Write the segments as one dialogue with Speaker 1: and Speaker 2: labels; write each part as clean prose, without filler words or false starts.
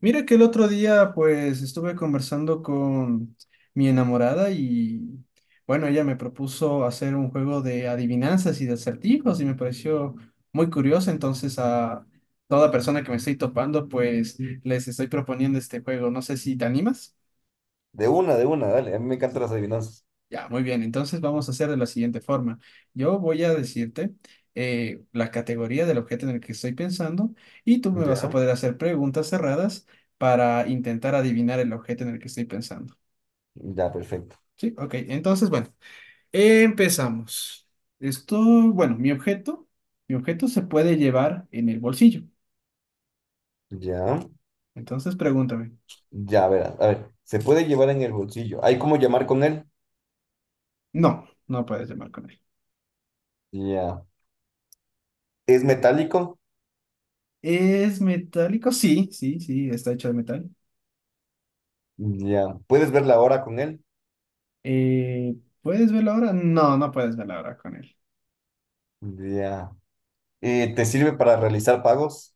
Speaker 1: Mira que el otro día pues estuve conversando con mi enamorada y bueno, ella me propuso hacer un juego de adivinanzas y de acertijos y me pareció muy curioso, entonces a toda persona que me estoy topando pues les estoy proponiendo este juego, no sé si te animas.
Speaker 2: De una, dale. A mí me encantan las adivinanzas.
Speaker 1: Ya, muy bien. Entonces vamos a hacer de la siguiente forma. Yo voy a decirte la categoría del objeto en el que estoy pensando y tú me vas a
Speaker 2: Ya,
Speaker 1: poder hacer preguntas cerradas para intentar adivinar el objeto en el que estoy pensando.
Speaker 2: ya, perfecto.
Speaker 1: Sí, ok. Entonces, bueno, empezamos. Esto, bueno, mi objeto se puede llevar en el bolsillo.
Speaker 2: Ya,
Speaker 1: Entonces pregúntame.
Speaker 2: ya, verás. A ver, ¿se puede llevar en el bolsillo? ¿Hay cómo llamar con él?
Speaker 1: No, no puedes llevar con él.
Speaker 2: Ya. ¿Es metálico?
Speaker 1: ¿Es metálico? Sí, sí, sí, está hecho de metal.
Speaker 2: Ya. ¿Puedes ver la hora con él?
Speaker 1: Eh, ¿Puedes ver la hora? No, no puedes ver la hora con él.
Speaker 2: Ya. ¿Te sirve para realizar pagos?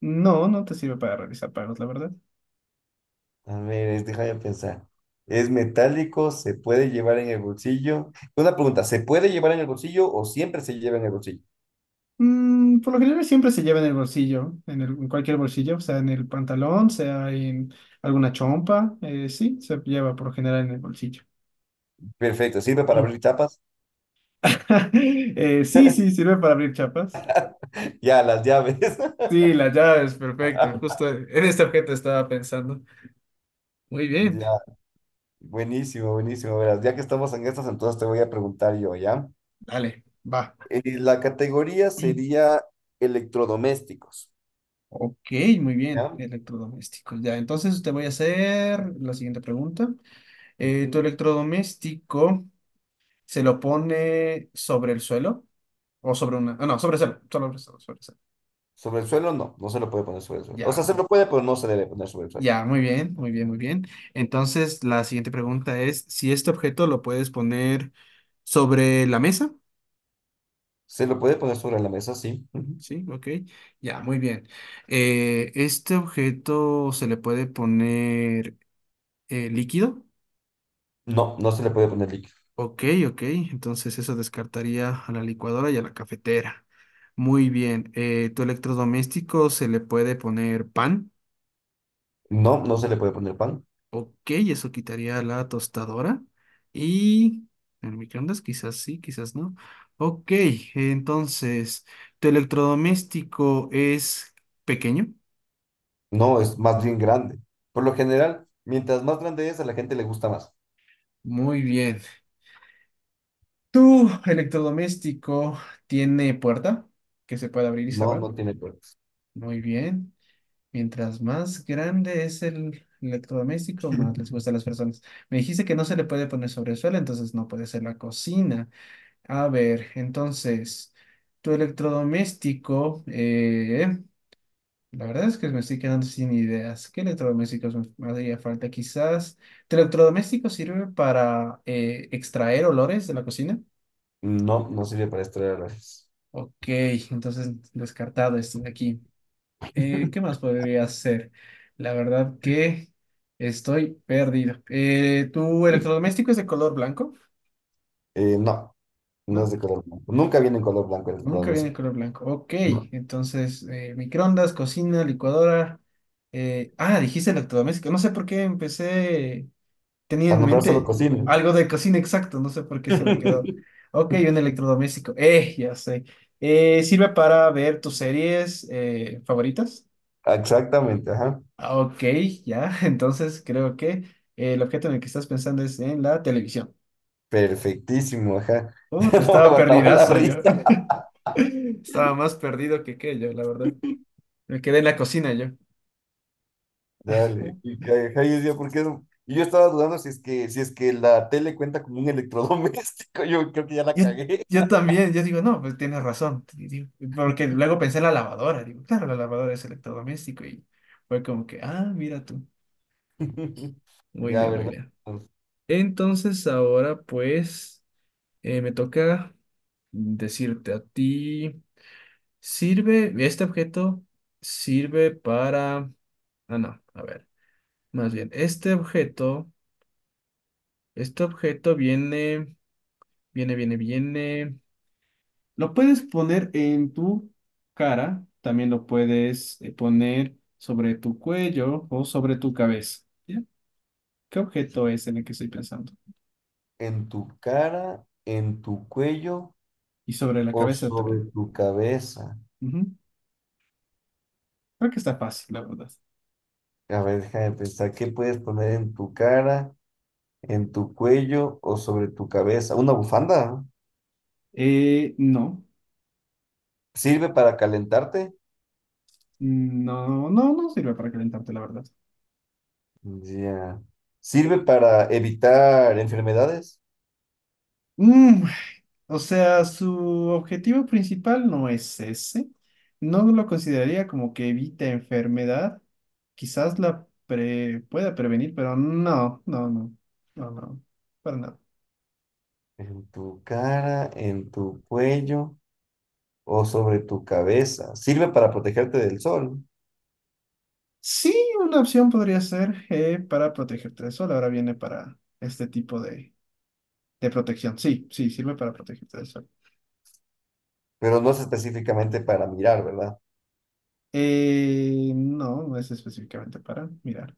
Speaker 1: No, no te sirve para realizar pagos, la verdad.
Speaker 2: A ver, déjame pensar. ¿Es metálico? ¿Se puede llevar en el bolsillo? Una pregunta, ¿se puede llevar en el bolsillo o siempre se lleva en el bolsillo?
Speaker 1: Mm, por lo general siempre se lleva en el bolsillo, en en cualquier bolsillo, sea en el pantalón, sea en alguna chompa, sí, se lleva por lo general en el bolsillo.
Speaker 2: Perfecto, ¿sirve para
Speaker 1: Mm.
Speaker 2: abrir chapas?
Speaker 1: Sí, sí, sirve para abrir chapas.
Speaker 2: Ya, las llaves.
Speaker 1: Sí, la llave es perfecto. Justo en este objeto estaba pensando. Muy bien,
Speaker 2: Ya, buenísimo, buenísimo. Verás, ya que estamos en estas, entonces te voy a preguntar yo, ¿ya?
Speaker 1: dale. Va.
Speaker 2: La categoría sería electrodomésticos,
Speaker 1: Ok, muy bien,
Speaker 2: ¿ya?
Speaker 1: electrodomésticos. Ya, entonces te voy a hacer la siguiente pregunta. ¿Tu
Speaker 2: Ujú.
Speaker 1: electrodoméstico se lo pone sobre el suelo o sobre una... ah, no, sobre el suelo, sobre el suelo, sobre el suelo.
Speaker 2: Sobre el suelo, no, no se lo puede poner sobre el suelo. O sea,
Speaker 1: Ya,
Speaker 2: se lo puede, pero no se debe poner sobre el suelo.
Speaker 1: ya, muy bien. Entonces la siguiente pregunta es si este objeto lo puedes poner sobre la mesa.
Speaker 2: Se lo puede poner sobre la mesa, sí. Ujú.
Speaker 1: Sí, ok. Ya, muy bien. ¿Este objeto se le puede poner líquido?
Speaker 2: No, no se le puede poner líquido.
Speaker 1: Ok, ok. Entonces eso descartaría a la licuadora y a la cafetera. Muy bien. ¿Tu electrodoméstico se le puede poner pan?
Speaker 2: No, no se le puede poner pan.
Speaker 1: Ok, eso quitaría la tostadora. Y el microondas quizás sí, quizás no. Ok, entonces, ¿tu electrodoméstico es pequeño?
Speaker 2: No, es más bien grande. Por lo general, mientras más grande es, a la gente le gusta más.
Speaker 1: Muy bien. ¿Tu electrodoméstico tiene puerta que se puede abrir y
Speaker 2: No,
Speaker 1: cerrar?
Speaker 2: no tiene puertas.
Speaker 1: Muy bien. Mientras más grande es el electrodoméstico, más les gusta a las personas. Me dijiste que no se le puede poner sobre el suelo, entonces no puede ser la cocina. A ver, entonces, tu electrodoméstico, la verdad es que me estoy quedando sin ideas. ¿Qué electrodomésticos me haría falta? Quizás, ¿tu electrodoméstico sirve para extraer olores de la cocina?
Speaker 2: No, no sirve para extraer a
Speaker 1: Ok, entonces descartado este de aquí. ¿Qué más podría hacer? La verdad que estoy perdido. ¿Tu electrodoméstico es de color blanco?
Speaker 2: No. No es
Speaker 1: No,
Speaker 2: de color blanco. Nunca
Speaker 1: no,
Speaker 2: viene en color blanco en el plan
Speaker 1: nunca viene en
Speaker 2: musical.
Speaker 1: color blanco. Ok,
Speaker 2: No.
Speaker 1: entonces microondas, cocina, licuadora. Dijiste electrodoméstico. No sé por qué empecé, tenía
Speaker 2: Al
Speaker 1: en
Speaker 2: nombrar solo
Speaker 1: mente
Speaker 2: cocina.
Speaker 1: algo de cocina exacto, no sé por qué se me quedó. Ok, un electrodoméstico. Ya sé. ¿Sirve para ver tus series favoritas?
Speaker 2: Exactamente, ajá.
Speaker 1: Ah, Ok, ya, entonces creo que el objeto en el que estás pensando es en la televisión.
Speaker 2: Perfectísimo, ajá. Ya
Speaker 1: Te
Speaker 2: no me
Speaker 1: estaba
Speaker 2: aguantaba la
Speaker 1: perdidazo yo.
Speaker 2: risa.
Speaker 1: Estaba más perdido que qué yo, la verdad. Me quedé en la cocina yo.
Speaker 2: Dale. Y, ajá, yo decía, ¿por qué no? Y yo estaba dudando si es que la tele cuenta como un electrodoméstico. Yo creo que ya la
Speaker 1: Yo,
Speaker 2: cagué.
Speaker 1: yo también, yo digo, no, pues tienes razón. Y digo, porque luego pensé en la lavadora. Digo, claro, la lavadora es electrodoméstico y fue como que, ah, mira tú. Muy
Speaker 2: Ya,
Speaker 1: bien, muy
Speaker 2: ¿verdad?
Speaker 1: bien. Entonces ahora pues me toca decirte a ti. Sirve, este objeto sirve para... Ah, no, a ver, más bien, este objeto viene... Lo puedes poner en tu cara, también lo puedes poner sobre tu cuello o sobre tu cabeza. ¿Ya? ¿Qué objeto es en el que estoy pensando?
Speaker 2: En tu cara, en tu cuello
Speaker 1: Y sobre la
Speaker 2: o
Speaker 1: cabeza
Speaker 2: sobre
Speaker 1: también.
Speaker 2: tu cabeza.
Speaker 1: Ujú. Creo que está fácil, la verdad.
Speaker 2: A ver, déjame pensar, ¿qué puedes poner en tu cara? ¿En tu cuello o sobre tu cabeza? ¿Una bufanda?
Speaker 1: No,
Speaker 2: ¿Sirve para calentarte?
Speaker 1: no, no, no sirve para calentarte, la verdad.
Speaker 2: Ya. ¿Sirve para evitar enfermedades?
Speaker 1: Mm, o sea, su objetivo principal no es ese. No lo consideraría como que evita enfermedad. Quizás pueda prevenir, pero no, no, no, no, no, para nada.
Speaker 2: ¿En tu cara, en tu cuello o sobre tu cabeza? Sirve para protegerte del sol,
Speaker 1: Sí, una opción podría ser para protegerte del sol. Ahora viene para este tipo de protección. Sí, sí, sirve para protegerte del sol.
Speaker 2: pero no es específicamente para mirar, ¿verdad?
Speaker 1: No, no es específicamente para mirar.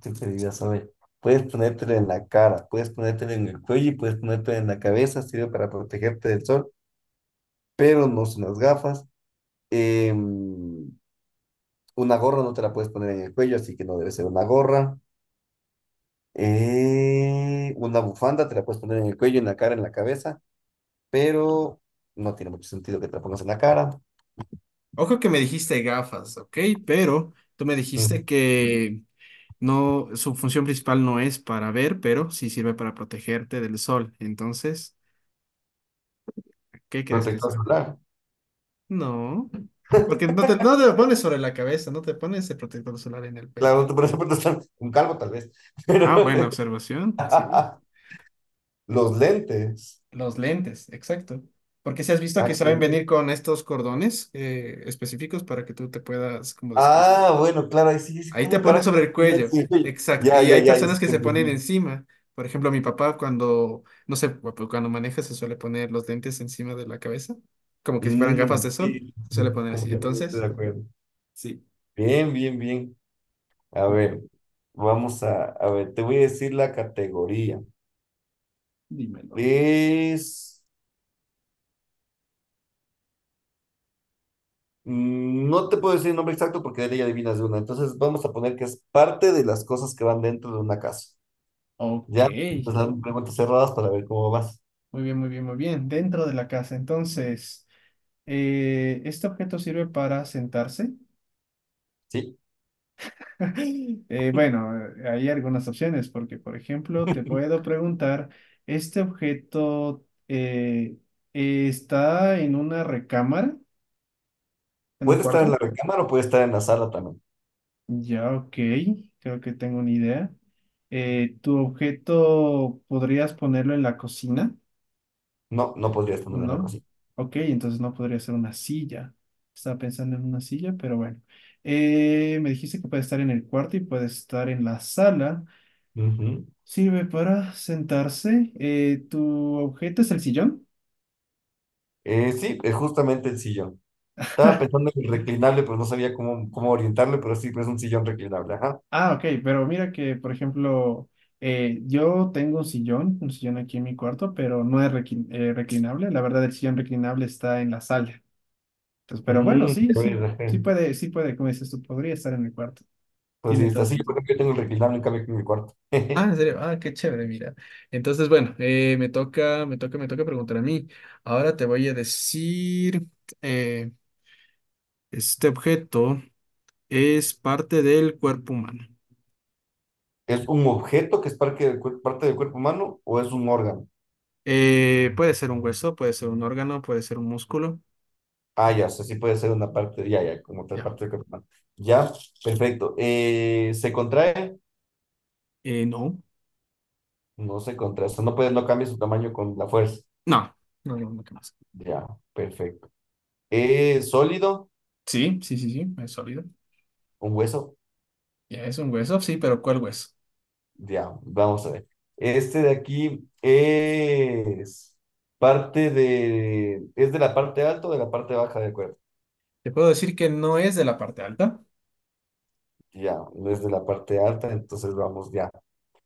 Speaker 2: Te diría, saber. Puedes ponértelo en la cara, puedes ponértelo en el cuello y puedes ponértelo en la cabeza. Sirve para protegerte del sol, pero no son las gafas. Em, Una gorra no te la puedes poner en el cuello, así que no debe ser una gorra. Una bufanda te la puedes poner en el cuello, en la cara, en la cabeza, pero no tiene mucho sentido que te la pongas en la cara.
Speaker 1: Ojo que me dijiste gafas, ¿ok? Pero tú me
Speaker 2: Ujú.
Speaker 1: dijiste que no, su función principal no es para ver, pero sí sirve para protegerte del sol. Entonces, ¿qué crees que
Speaker 2: Protector
Speaker 1: será?
Speaker 2: solar.
Speaker 1: No, porque no te, no te lo pones sobre la cabeza, no te pones el protector solar en el pelo.
Speaker 2: Claro, tú por eso puedes estar un calvo tal vez, pero
Speaker 1: Ah, buena observación, sí.
Speaker 2: los lentes.
Speaker 1: Los lentes, exacto. Porque si has visto que
Speaker 2: Ah, que
Speaker 1: saben
Speaker 2: no.
Speaker 1: venir con estos cordones específicos para que tú te puedas como descansar.
Speaker 2: Ah, bueno, claro, ahí sí, sí,
Speaker 1: Ahí te
Speaker 2: ¿cómo
Speaker 1: pones
Speaker 2: carajo?
Speaker 1: sobre el cuello, exacto.
Speaker 2: Ya,
Speaker 1: Y
Speaker 2: ya,
Speaker 1: hay
Speaker 2: ya, ya sí
Speaker 1: personas que
Speaker 2: te
Speaker 1: se ponen
Speaker 2: entendí.
Speaker 1: encima. Por ejemplo, mi papá cuando, no sé, cuando maneja se suele poner los lentes encima de la cabeza, como que si fueran gafas
Speaker 2: Mm,
Speaker 1: de sol,
Speaker 2: sí,
Speaker 1: se suele
Speaker 2: sí,
Speaker 1: poner así.
Speaker 2: completamente de
Speaker 1: Entonces,
Speaker 2: acuerdo.
Speaker 1: sí,
Speaker 2: Bien, bien, bien. A
Speaker 1: ok,
Speaker 2: ver, a ver, te voy a decir la categoría.
Speaker 1: dímelo.
Speaker 2: Es, no te puedo decir el nombre exacto porque de ella adivinas de una. Entonces vamos a poner que es parte de las cosas que van dentro de una casa.
Speaker 1: Ok,
Speaker 2: Ya,
Speaker 1: muy
Speaker 2: entonces hazme preguntas cerradas para ver cómo vas.
Speaker 1: bien, muy bien, muy bien. Dentro de la casa, entonces, ¿este objeto sirve para sentarse?
Speaker 2: ¿Sí?
Speaker 1: Bueno, hay algunas opciones porque, por ejemplo, te puedo preguntar, ¿este objeto está en una recámara, en un
Speaker 2: Puede estar en
Speaker 1: cuarto?
Speaker 2: la recámara o puede estar en la sala también.
Speaker 1: Ya, ok, creo que tengo una idea. ¿Tu objeto podrías ponerlo en la cocina?
Speaker 2: No, no podría estar en la
Speaker 1: ¿No?
Speaker 2: cocina.
Speaker 1: Ok, entonces no podría ser una silla. Estaba pensando en una silla, pero bueno. Me dijiste que puede estar en el cuarto y puede estar en la sala.
Speaker 2: Ujú.
Speaker 1: Sirve para sentarse. ¿Tu objeto es el sillón?
Speaker 2: Sí, es justamente el sillón. Estaba pensando en el reclinable, pero no sabía cómo orientarle, pero sí, pues es un sillón reclinable. Ajá.
Speaker 1: Ah, ok, pero mira que, por ejemplo, yo tengo un sillón aquí en mi cuarto, pero no es reclinable. La verdad, el sillón reclinable está en la sala. Entonces, pero bueno,
Speaker 2: Mm,
Speaker 1: sí,
Speaker 2: ya ves,
Speaker 1: sí,
Speaker 2: ajá.
Speaker 1: sí puede, como dices tú, podría estar en mi cuarto.
Speaker 2: Por si
Speaker 1: Tiene todo
Speaker 2: está. Sí, por
Speaker 1: sentido.
Speaker 2: ejemplo, yo tengo el requinal en cambio aquí en mi cuarto.
Speaker 1: Ah, en serio, ah, qué chévere, mira. Entonces, bueno, me toca preguntar a mí. Ahora te voy a decir, eh, este objeto. Es parte del cuerpo humano.
Speaker 2: ¿Es un objeto que es parte parte del cuerpo humano o es un órgano?
Speaker 1: Puede ser un hueso, puede ser un órgano, puede ser un músculo.
Speaker 2: Ah, ya, o sea, sí puede ser una parte, ya, ya, como otra
Speaker 1: Ya.
Speaker 2: parte del cuerpo humano. Ya, perfecto. ¿Se contrae?
Speaker 1: No.
Speaker 2: No se contrae, o sea, no puede, no cambia su tamaño con la fuerza.
Speaker 1: No. No, no, no, ¿qué más?
Speaker 2: Ya, perfecto. ¿Es sólido?
Speaker 1: Sí, sí, sí, sí, es sólido.
Speaker 2: ¿Un hueso?
Speaker 1: Ya es un hueso, sí, pero ¿cuál hueso?
Speaker 2: Ya, vamos a ver. Este de aquí es parte de, ¿es de la parte alta o de la parte baja del cuerpo?
Speaker 1: Te puedo decir que no es de la parte alta.
Speaker 2: Ya, desde la parte alta, entonces vamos ya.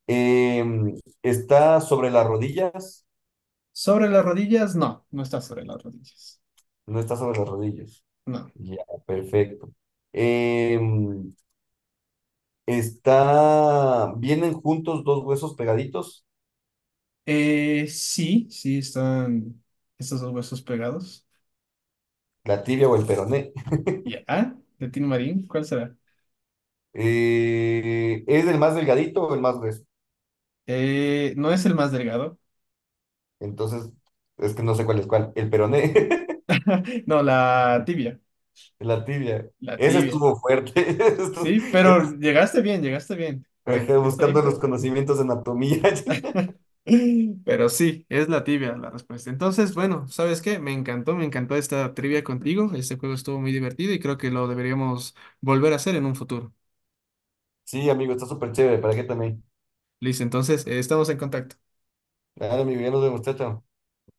Speaker 2: ¿Está sobre las rodillas?
Speaker 1: Sobre las rodillas, no, no está sobre las rodillas.
Speaker 2: No está sobre las rodillas.
Speaker 1: No.
Speaker 2: Ya, perfecto. Em, está, ¿vienen juntos dos huesos pegaditos?
Speaker 1: Sí, sí están estos dos huesos pegados.
Speaker 2: La tibia o el peroné.
Speaker 1: Ya. Ah, De Tin Marín, ¿cuál será?
Speaker 2: ¿Es el más delgadito o el más grueso?
Speaker 1: No es el más delgado.
Speaker 2: Entonces, es que no sé cuál es cuál. El peroné,
Speaker 1: No, la tibia.
Speaker 2: la tibia.
Speaker 1: La
Speaker 2: Ese
Speaker 1: tibia.
Speaker 2: estuvo fuerte.
Speaker 1: Sí, pero llegaste bien, llegaste bien. Bueno,
Speaker 2: Ajá,
Speaker 1: fuiste ahí,
Speaker 2: buscando los
Speaker 1: pero...
Speaker 2: conocimientos de anatomía.
Speaker 1: Pero sí, es la tibia la respuesta. Entonces, bueno, ¿sabes qué? Me encantó esta trivia contigo. Este juego estuvo muy divertido y creo que lo deberíamos volver a hacer en un futuro.
Speaker 2: Sí, amigo, está súper chévere. ¿Para qué también?
Speaker 1: Listo, entonces, estamos en contacto.
Speaker 2: Dale, mi bien, nos vemos, chao, chao.